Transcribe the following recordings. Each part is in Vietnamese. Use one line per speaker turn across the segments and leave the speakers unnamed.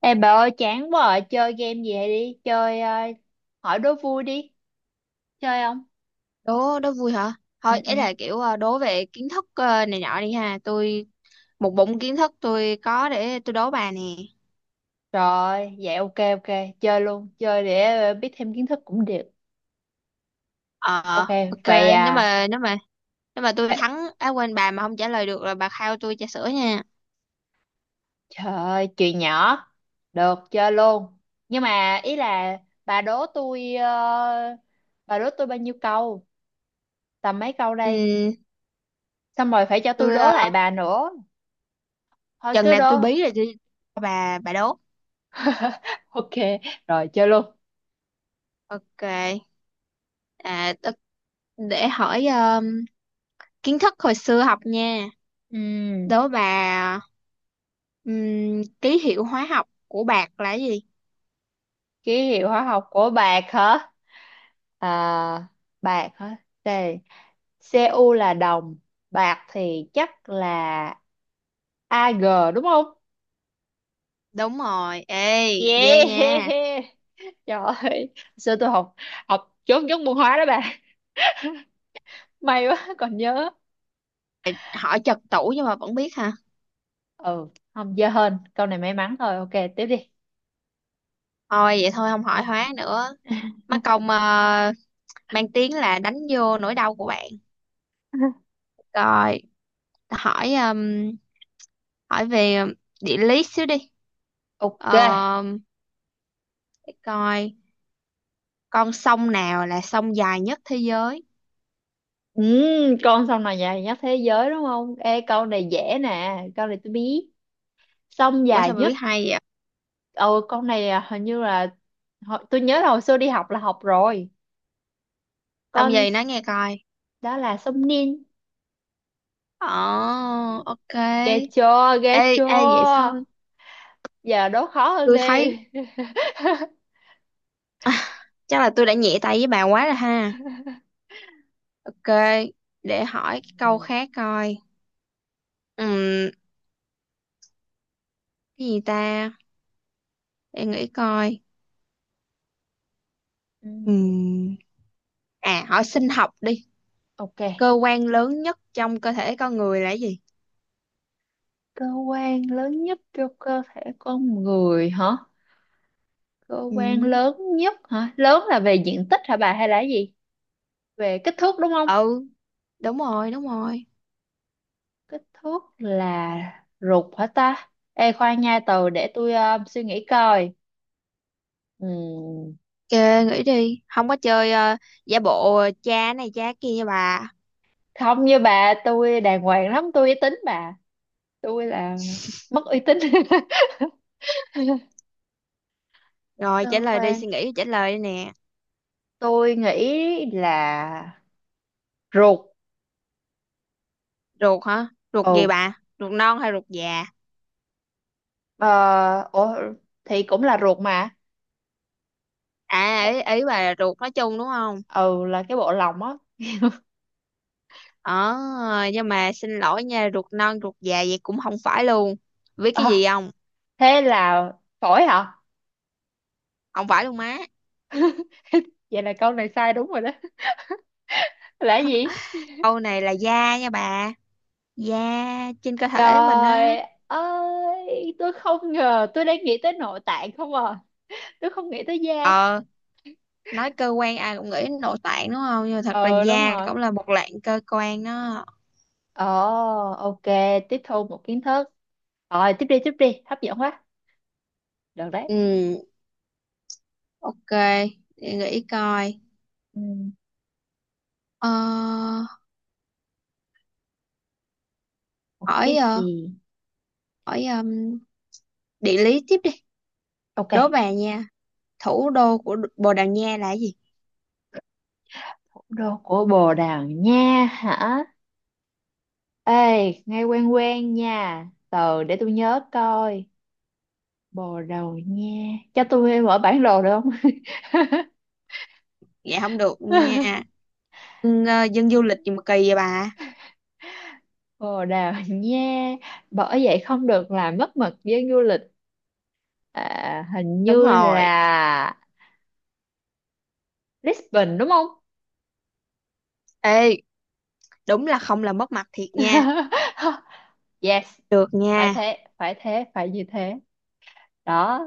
Ê bà ơi, chán quá à, chơi game gì vậy đi, chơi hỏi đố vui đi, chơi không?
Đố đố vui hả?
Ừ,
Thôi
ừ.
ấy là kiểu đố về kiến thức này nọ đi, ha. Tôi một bụng kiến thức, tôi có, để tôi đố bà nè.
Rồi, vậy ok, ok, chơi luôn, chơi để biết thêm kiến thức cũng được.
Ờ,
Ok,
ok.
vậy
nếu
à,
mà nếu mà nếu mà tôi
vậy,
thắng á, quên, bà mà không trả lời được là bà khao tôi trà sữa nha.
trời ơi, chuyện nhỏ, được chơi luôn. Nhưng mà ý là bà đố tôi, ờ, bà đố tôi bao nhiêu câu, tầm mấy câu đây,
Ừ,
xong rồi phải cho tôi
tôi
đố lại bà nữa, thôi
chừng
cứ
nào
đố.
tôi bí rồi tôi cho bà đố.
Ok, rồi chơi luôn.
Ok. à tôi- để hỏi kiến thức hồi xưa học nha.
Ừm,
Đố bà. Ký hiệu hóa học của bạc là cái gì?
Ký hiệu hóa học của bạc hả? À, bạc hả? Đây, Cu là đồng, bạc thì chắc là Ag, đúng không?
Đúng rồi, ê, ghê nha.
Yeah. Trời ơi, xưa tôi học học chốt chốt môn hóa đó bà. May quá còn nhớ.
Hỏi chật tủ nhưng mà vẫn biết hả?
Ừ, không dơ hơn. Câu này may mắn thôi. Ok, tiếp đi.
Thôi vậy thôi, không hỏi hóa nữa. Mắc công mang tiếng là đánh vô nỗi đau của bạn. Rồi, hỏi hỏi về địa lý xíu đi.
Ok.
Ờ, để coi, con sông nào là sông dài nhất thế giới?
Ừ, con sông nào dài nhất thế giới đúng không? Ê, câu này dễ nè, câu này tôi biết, sông
Ủa
dài
sao mà
nhất.
biết hay vậy?
Ờ, con này à, hình như là tôi nhớ là hồi xưa đi học là học rồi.
Sông
Con
gì
s-
nói nghe coi.
Đó là sông Nin.
Ồ, ok.
Ghê chưa, ghê
Ê, ê vậy
chưa.
thôi.
Giờ đố khó hơn
Tôi thấy
đi.
chắc là tôi đã nhẹ tay với bà quá rồi ha. Ok, để hỏi cái
Ừ.
câu khác coi. Ừm, cái gì ta? Để nghĩ coi.
Ừ,
Ừm, à, hỏi sinh học đi.
ok.
Cơ quan lớn nhất trong cơ thể con người là cái gì?
Cơ quan lớn nhất cho cơ thể con người hả? Cơ quan
Ừm,
lớn nhất hả? Lớn là về diện tích hả bà hay là cái gì? Về kích thước đúng không?
Ừ, đúng rồi, đúng rồi.
Kích thước là ruột hả ta? Ê khoan nha, từ để tôi suy nghĩ coi. Ừ.
Ok, nghĩ đi. Không có chơi giả bộ cha này cha kia nha bà.
Không như bà, tôi đàng hoàng lắm, tôi uy tín bà, tôi là mất uy tín.
Rồi, trả
Cơ
lời đi,
quan
suy nghĩ trả lời đi nè.
tôi nghĩ là ruột.
Ruột hả? Ruột gì
Ừ.
bà? Ruột non hay ruột già?
ờ Ủa, thì cũng là ruột mà.
À, ý bà là ruột nói chung đúng không?
Ừ, là cái bộ lòng á.
Ờ, nhưng mà xin lỗi nha, ruột non ruột già vậy cũng không phải luôn. Biết cái
Ờ,
gì không?
thế là phổi hả?
Không phải luôn má.
Vậy là câu này sai đúng rồi đó. Là cái gì?
Câu này là da nha bà. Da trên cơ thể mình á.
Trời ơi, tôi không ngờ, tôi đang nghĩ tới nội tạng không à, tôi không nghĩ tới da.
Ờ, nói cơ quan ai cũng nghĩ đến nội tạng đúng không? Nhưng mà thật ra
Ờ, đúng
da cũng
rồi.
là một loại cơ quan đó.
Ồ, ok, tiếp thu một kiến thức. Rồi, tiếp đi, hấp dẫn quá. Được đấy.
Ừ, ok. Để nghĩ coi.
Ừ,
Ờ,
một cái
hỏi
gì?
hỏi địa lý tiếp đi.
Ok,
Đố bà nha. Thủ đô của Bồ Đào Nha là gì?
thủ đô của Bồ Đào Nha hả? Ê, nghe quen quen nha. Từ để tôi nhớ coi. Bồ Đào Nha. Cho tôi mở bản đồ được không?
Dạ không được nha. Dân, ờ, dân du lịch gì mà kỳ vậy bà?
Bồ Đào Nha. Bởi vậy không được làm mất mật với du lịch. À, hình
Đúng
như
rồi.
là Lisbon đúng không?
Ê, đúng là không làm mất mặt thiệt nha.
Yes,
Được
phải
nha.
thế, phải thế, phải như thế. Đó,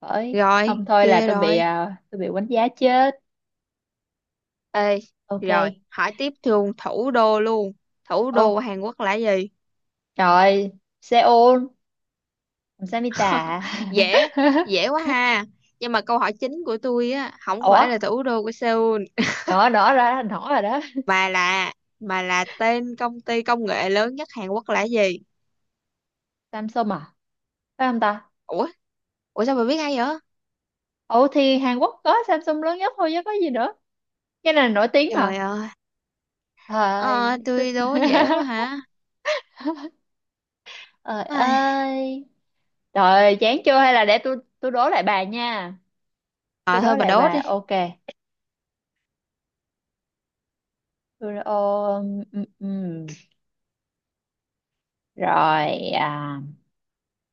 bởi
Rồi,
không thôi là
kia rồi.
tôi bị đánh giá chết.
Ê,
Ok.
rồi, hỏi tiếp luôn. Thủ đô của
Ô,
Hàn Quốc là gì?
trời, Seoul, Samita.
Dễ, dễ quá ha. Nhưng mà câu hỏi chính của tôi á, không phải
Ủa,
là thủ đô của Seoul,
đó đó ra đó rồi đó.
mà là mà là tên công ty công nghệ lớn nhất Hàn Quốc là gì?
Samsung à? Phải không ta?
Ủa, ủa sao bà biết hay vậy?
Ủa thì Hàn Quốc có Samsung lớn nhất thôi chứ có gì nữa. Cái này nổi tiếng
Trời
mà.
ơi,
Thôi.
ờ, tôi đố dễ quá hả?
Trời
Ai.
ơi. Trời chán chưa, hay là để tôi đố lại bà nha.
À,
Tôi đố
thôi bà
lại
đố
bà.
đi,
Ok. Tôi, ồ, ừ, ừ. Rồi, à,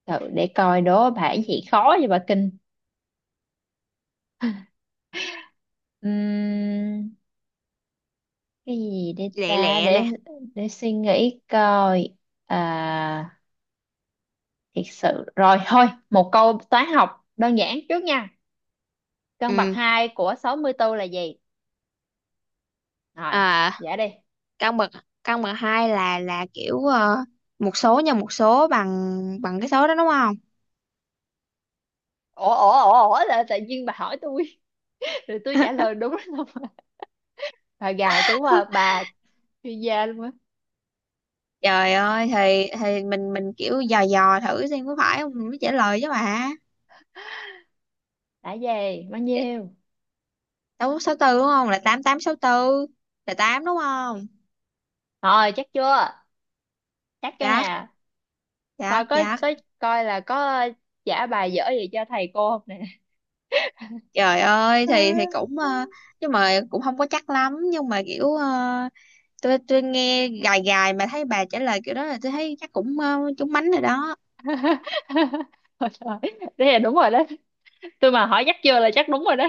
thử để coi đố bà cái gì khó vậy bà, kinh. Ừm, cái gì để
lẹ
ta,
lẹ
để
nè.
suy nghĩ coi. À, thiệt sự rồi thôi, một câu toán học đơn giản trước nha, căn bậc
Ừ,
2 của 64 là gì? Rồi,
à,
dạ đi.
căn bậc căn bậc hai là kiểu một số nhân một số bằng bằng cái số đó đúng không?
Ủa, ủa, ủa, ủa, là tự nhiên bà hỏi tôi, rồi tôi trả lời đúng không? Bà gài tôi quá à, bà chuyên gia luôn á.
Trời ơi, thì mình kiểu dò dò thử xem có phải không mình mới trả lời chứ bà.
Đã gì bao nhiêu,
Sáu, sáu tư đúng không, là tám, tám, sáu tư là tám đúng không?
rồi chắc chưa, chắc chưa
Chắc,
nè, coi
chắc chắc.
có coi là có trả bài dở gì cho thầy cô không nè.
Trời ơi, thì cũng nhưng mà cũng không có chắc lắm, nhưng mà kiểu tôi nghe gài gài mà thấy bà trả lời kiểu đó là tôi thấy chắc cũng trúng mánh rồi đó.
Ôi trời, thế là đúng rồi đó, tôi mà hỏi chắc chưa là chắc đúng rồi đó,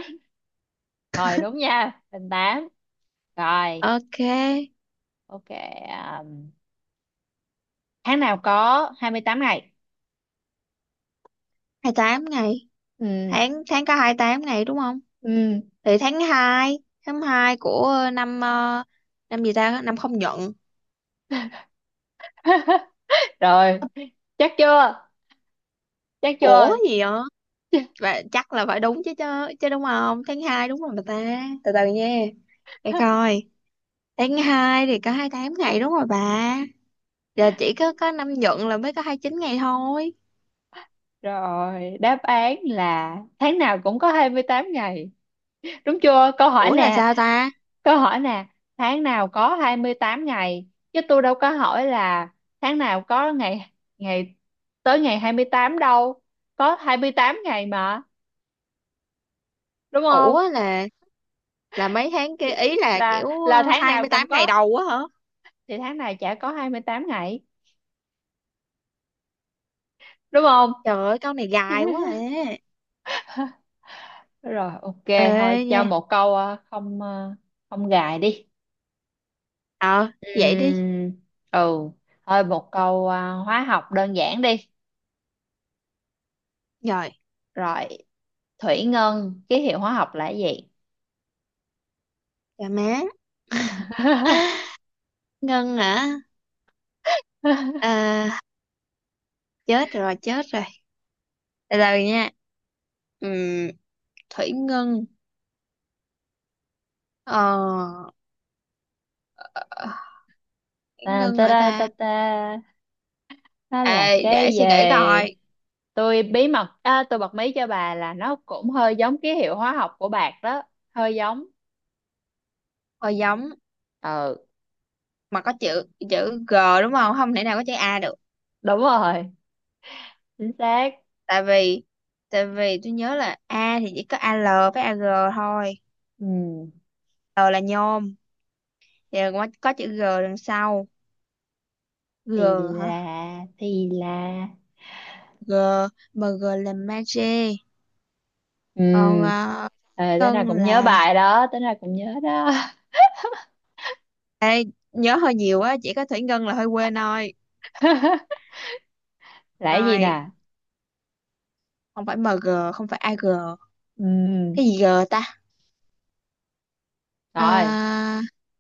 rồi đúng nha hình tám. Rồi,
Ok,
ok. um, Tháng nào có 28 ngày?
hai tám ngày.
Ừ,
Tháng tháng có hai tám ngày đúng không?
ừ.
Thì tháng hai, tháng 2 của năm năm gì ta? Năm không nhận.
Rồi, chắc chưa? Chắc
Ủa
chưa?
gì vậy? Và chắc là phải đúng chứ chứ, chứ đúng không? Tháng 2 đúng rồi mà ta. Từ từ nha. Để coi. Tháng 2 thì có hai tám ngày đúng rồi bà. Giờ chỉ có năm nhuận là mới có hai chín ngày thôi.
Rồi, đáp án là tháng nào cũng có 28 ngày, đúng chưa? Câu hỏi
Ủa là
nè.
sao ta?
Câu hỏi nè, tháng nào có 28 ngày, chứ tôi đâu có hỏi là tháng nào có ngày ngày tới ngày 28 đâu. Có 28 ngày mà, đúng không?
Ủa là mấy tháng kia ý là
Là
kiểu
là tháng
hai
nào
mươi
cũng
tám ngày
có
đầu á hả?
thì tháng này chả có 28 ngày, đúng không?
Trời ơi câu này dài quá à.
Rồi, ok, thôi
Ê
cho
nha.
một câu không không gài đi.
Ờ vậy đi.
Ừm, ừ, thôi một câu hóa học đơn giản đi.
Rồi,
Rồi, thủy ngân ký hiệu hóa học là cái gì?
dạ má. Ngân hả? À, chết rồi, chết rồi. Từ từ nha. Ừm, Thủy Ngân. Ờ, Thủy
Ta
Ngân
ta
hả
ta ta
ta?
ta, nó là
Ê,
cái
để suy nghĩ
gì?
coi.
Tôi bí mật à, Tôi bật mí cho bà là nó cũng hơi giống ký hiệu hóa học của bạc đó, hơi giống.
Thôi giống,
Ừ,
mà có chữ chữ G đúng không? Không thể nào có chữ A được.
đúng rồi, chính xác.
tại vì tại vì tôi nhớ là A thì chỉ có AL với AG thôi.
Ừ,
L là nhôm, thì có chữ G đằng sau. G
thì
hả?
là thì là
G, MG là magie. Còn
ừ
ờ,
ờ tới nào
cân
cũng nhớ
là
bài đó, tới nào cũng nhớ đó.
nhớ hơi nhiều á, chỉ có thủy ngân là hơi quên thôi.
Là cái gì
Rồi,
nè?
không phải MG, không phải AG, cái
Ừ,
gì G ta? Ờ,
rồi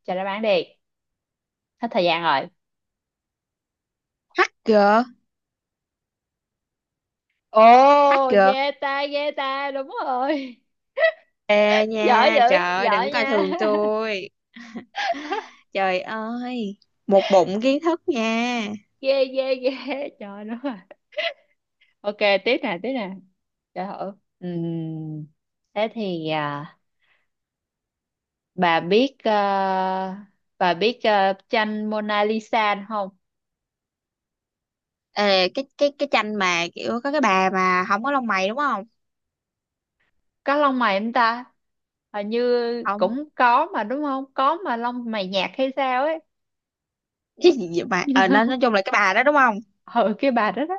cho đáp án đi, hết thời gian rồi.
HG.
Ồ,
HG.
ghê ta, ghê ta, đúng rồi.
Ê
Giỏi
nha,
dữ,
trời ơi, đừng
giỏi
coi
nha,
thường tôi. Trời ơi, một bụng kiến thức nha.
ghê ghê ghê. Trời nó à. Ok, tiếp nè, tiếp nè, trời ơi. Ừm, Thế thì à, bà biết à, bà biết à, tranh Mona Lisa không?
Ê, cái tranh mà kiểu có cái bà mà không có lông mày đúng không?
Có lông mày không ta? Hình như
Không.
cũng có mà đúng không? Có mà lông mày nhạt hay sao ấy?
Cái gì vậy mà ờ, nói chung là cái bà đó đúng không?
Ừ, cái bà đó đó.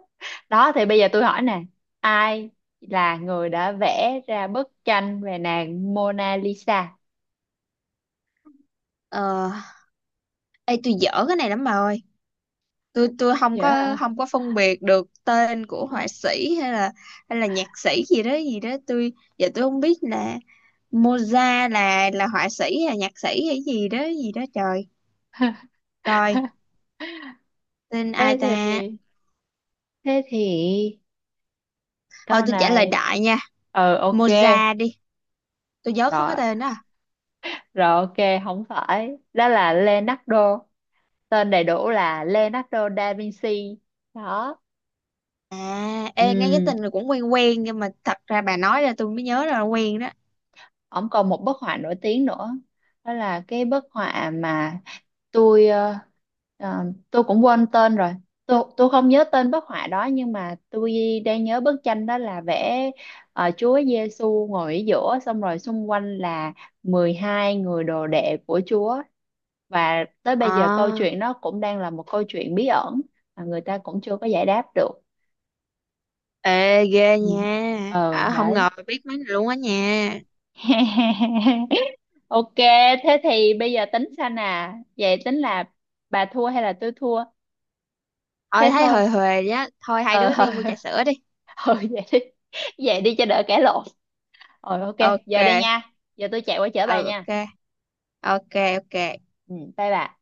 Đó thì bây giờ tôi hỏi nè, ai là người đã vẽ ra bức tranh về nàng Mona Lisa?
Ờ, ê tôi dở cái này lắm bà ơi. Tôi không có,
Dạ.
không có phân biệt được tên của họa sĩ hay là nhạc sĩ gì đó gì đó. Tôi giờ tôi không biết là Moza là họa sĩ hay là nhạc sĩ hay gì đó gì đó, trời, coi tên ai
Thế
ta.
thì thế thì
Thôi
câu
tôi trả lời
này
đại nha,
ừ, ok,
Moza đi, tôi nhớ có cái
rồi,
tên đó à.
rồi, ok, không phải, đó là Leonardo, tên đầy đủ là Leonardo da Vinci đó.
À, ê, nghe cái
Ừ,
tên này cũng quen quen nhưng mà thật ra bà nói ra tôi mới nhớ ra là quen đó.
ông còn một bức họa nổi tiếng nữa, đó là cái bức họa mà tôi ờ, ờ, tôi cũng quên tên rồi, tôi không nhớ tên bức họa đó, nhưng mà tôi đang nhớ bức tranh đó là vẽ Chúa Giêsu ngồi ở giữa, xong rồi xung quanh là 12 người đồ đệ của Chúa, và tới bây giờ câu
À,
chuyện nó cũng đang là một câu chuyện bí ẩn mà người ta cũng chưa có giải đáp được.
ê, ghê
Ừ.
nha.
Ờ,
À, không
đấy.
ngờ biết mấy này luôn á nha.
Ok, thế thì bây giờ tính sao nè, vậy tính là bà thua hay là tôi thua?
Ờ,
Thế
thấy
thôi.
hời hời á. Thôi hai
ờ
đứa đi mua trà sữa đi.
ờ, vậy đi, vậy đi cho đỡ cãi lộn. Rồi, ok.
Ok,
Giờ đây nha, giờ tôi chạy qua chở
ừ
bà
ok,
nha.
ok ok.
Ừ, bye bà.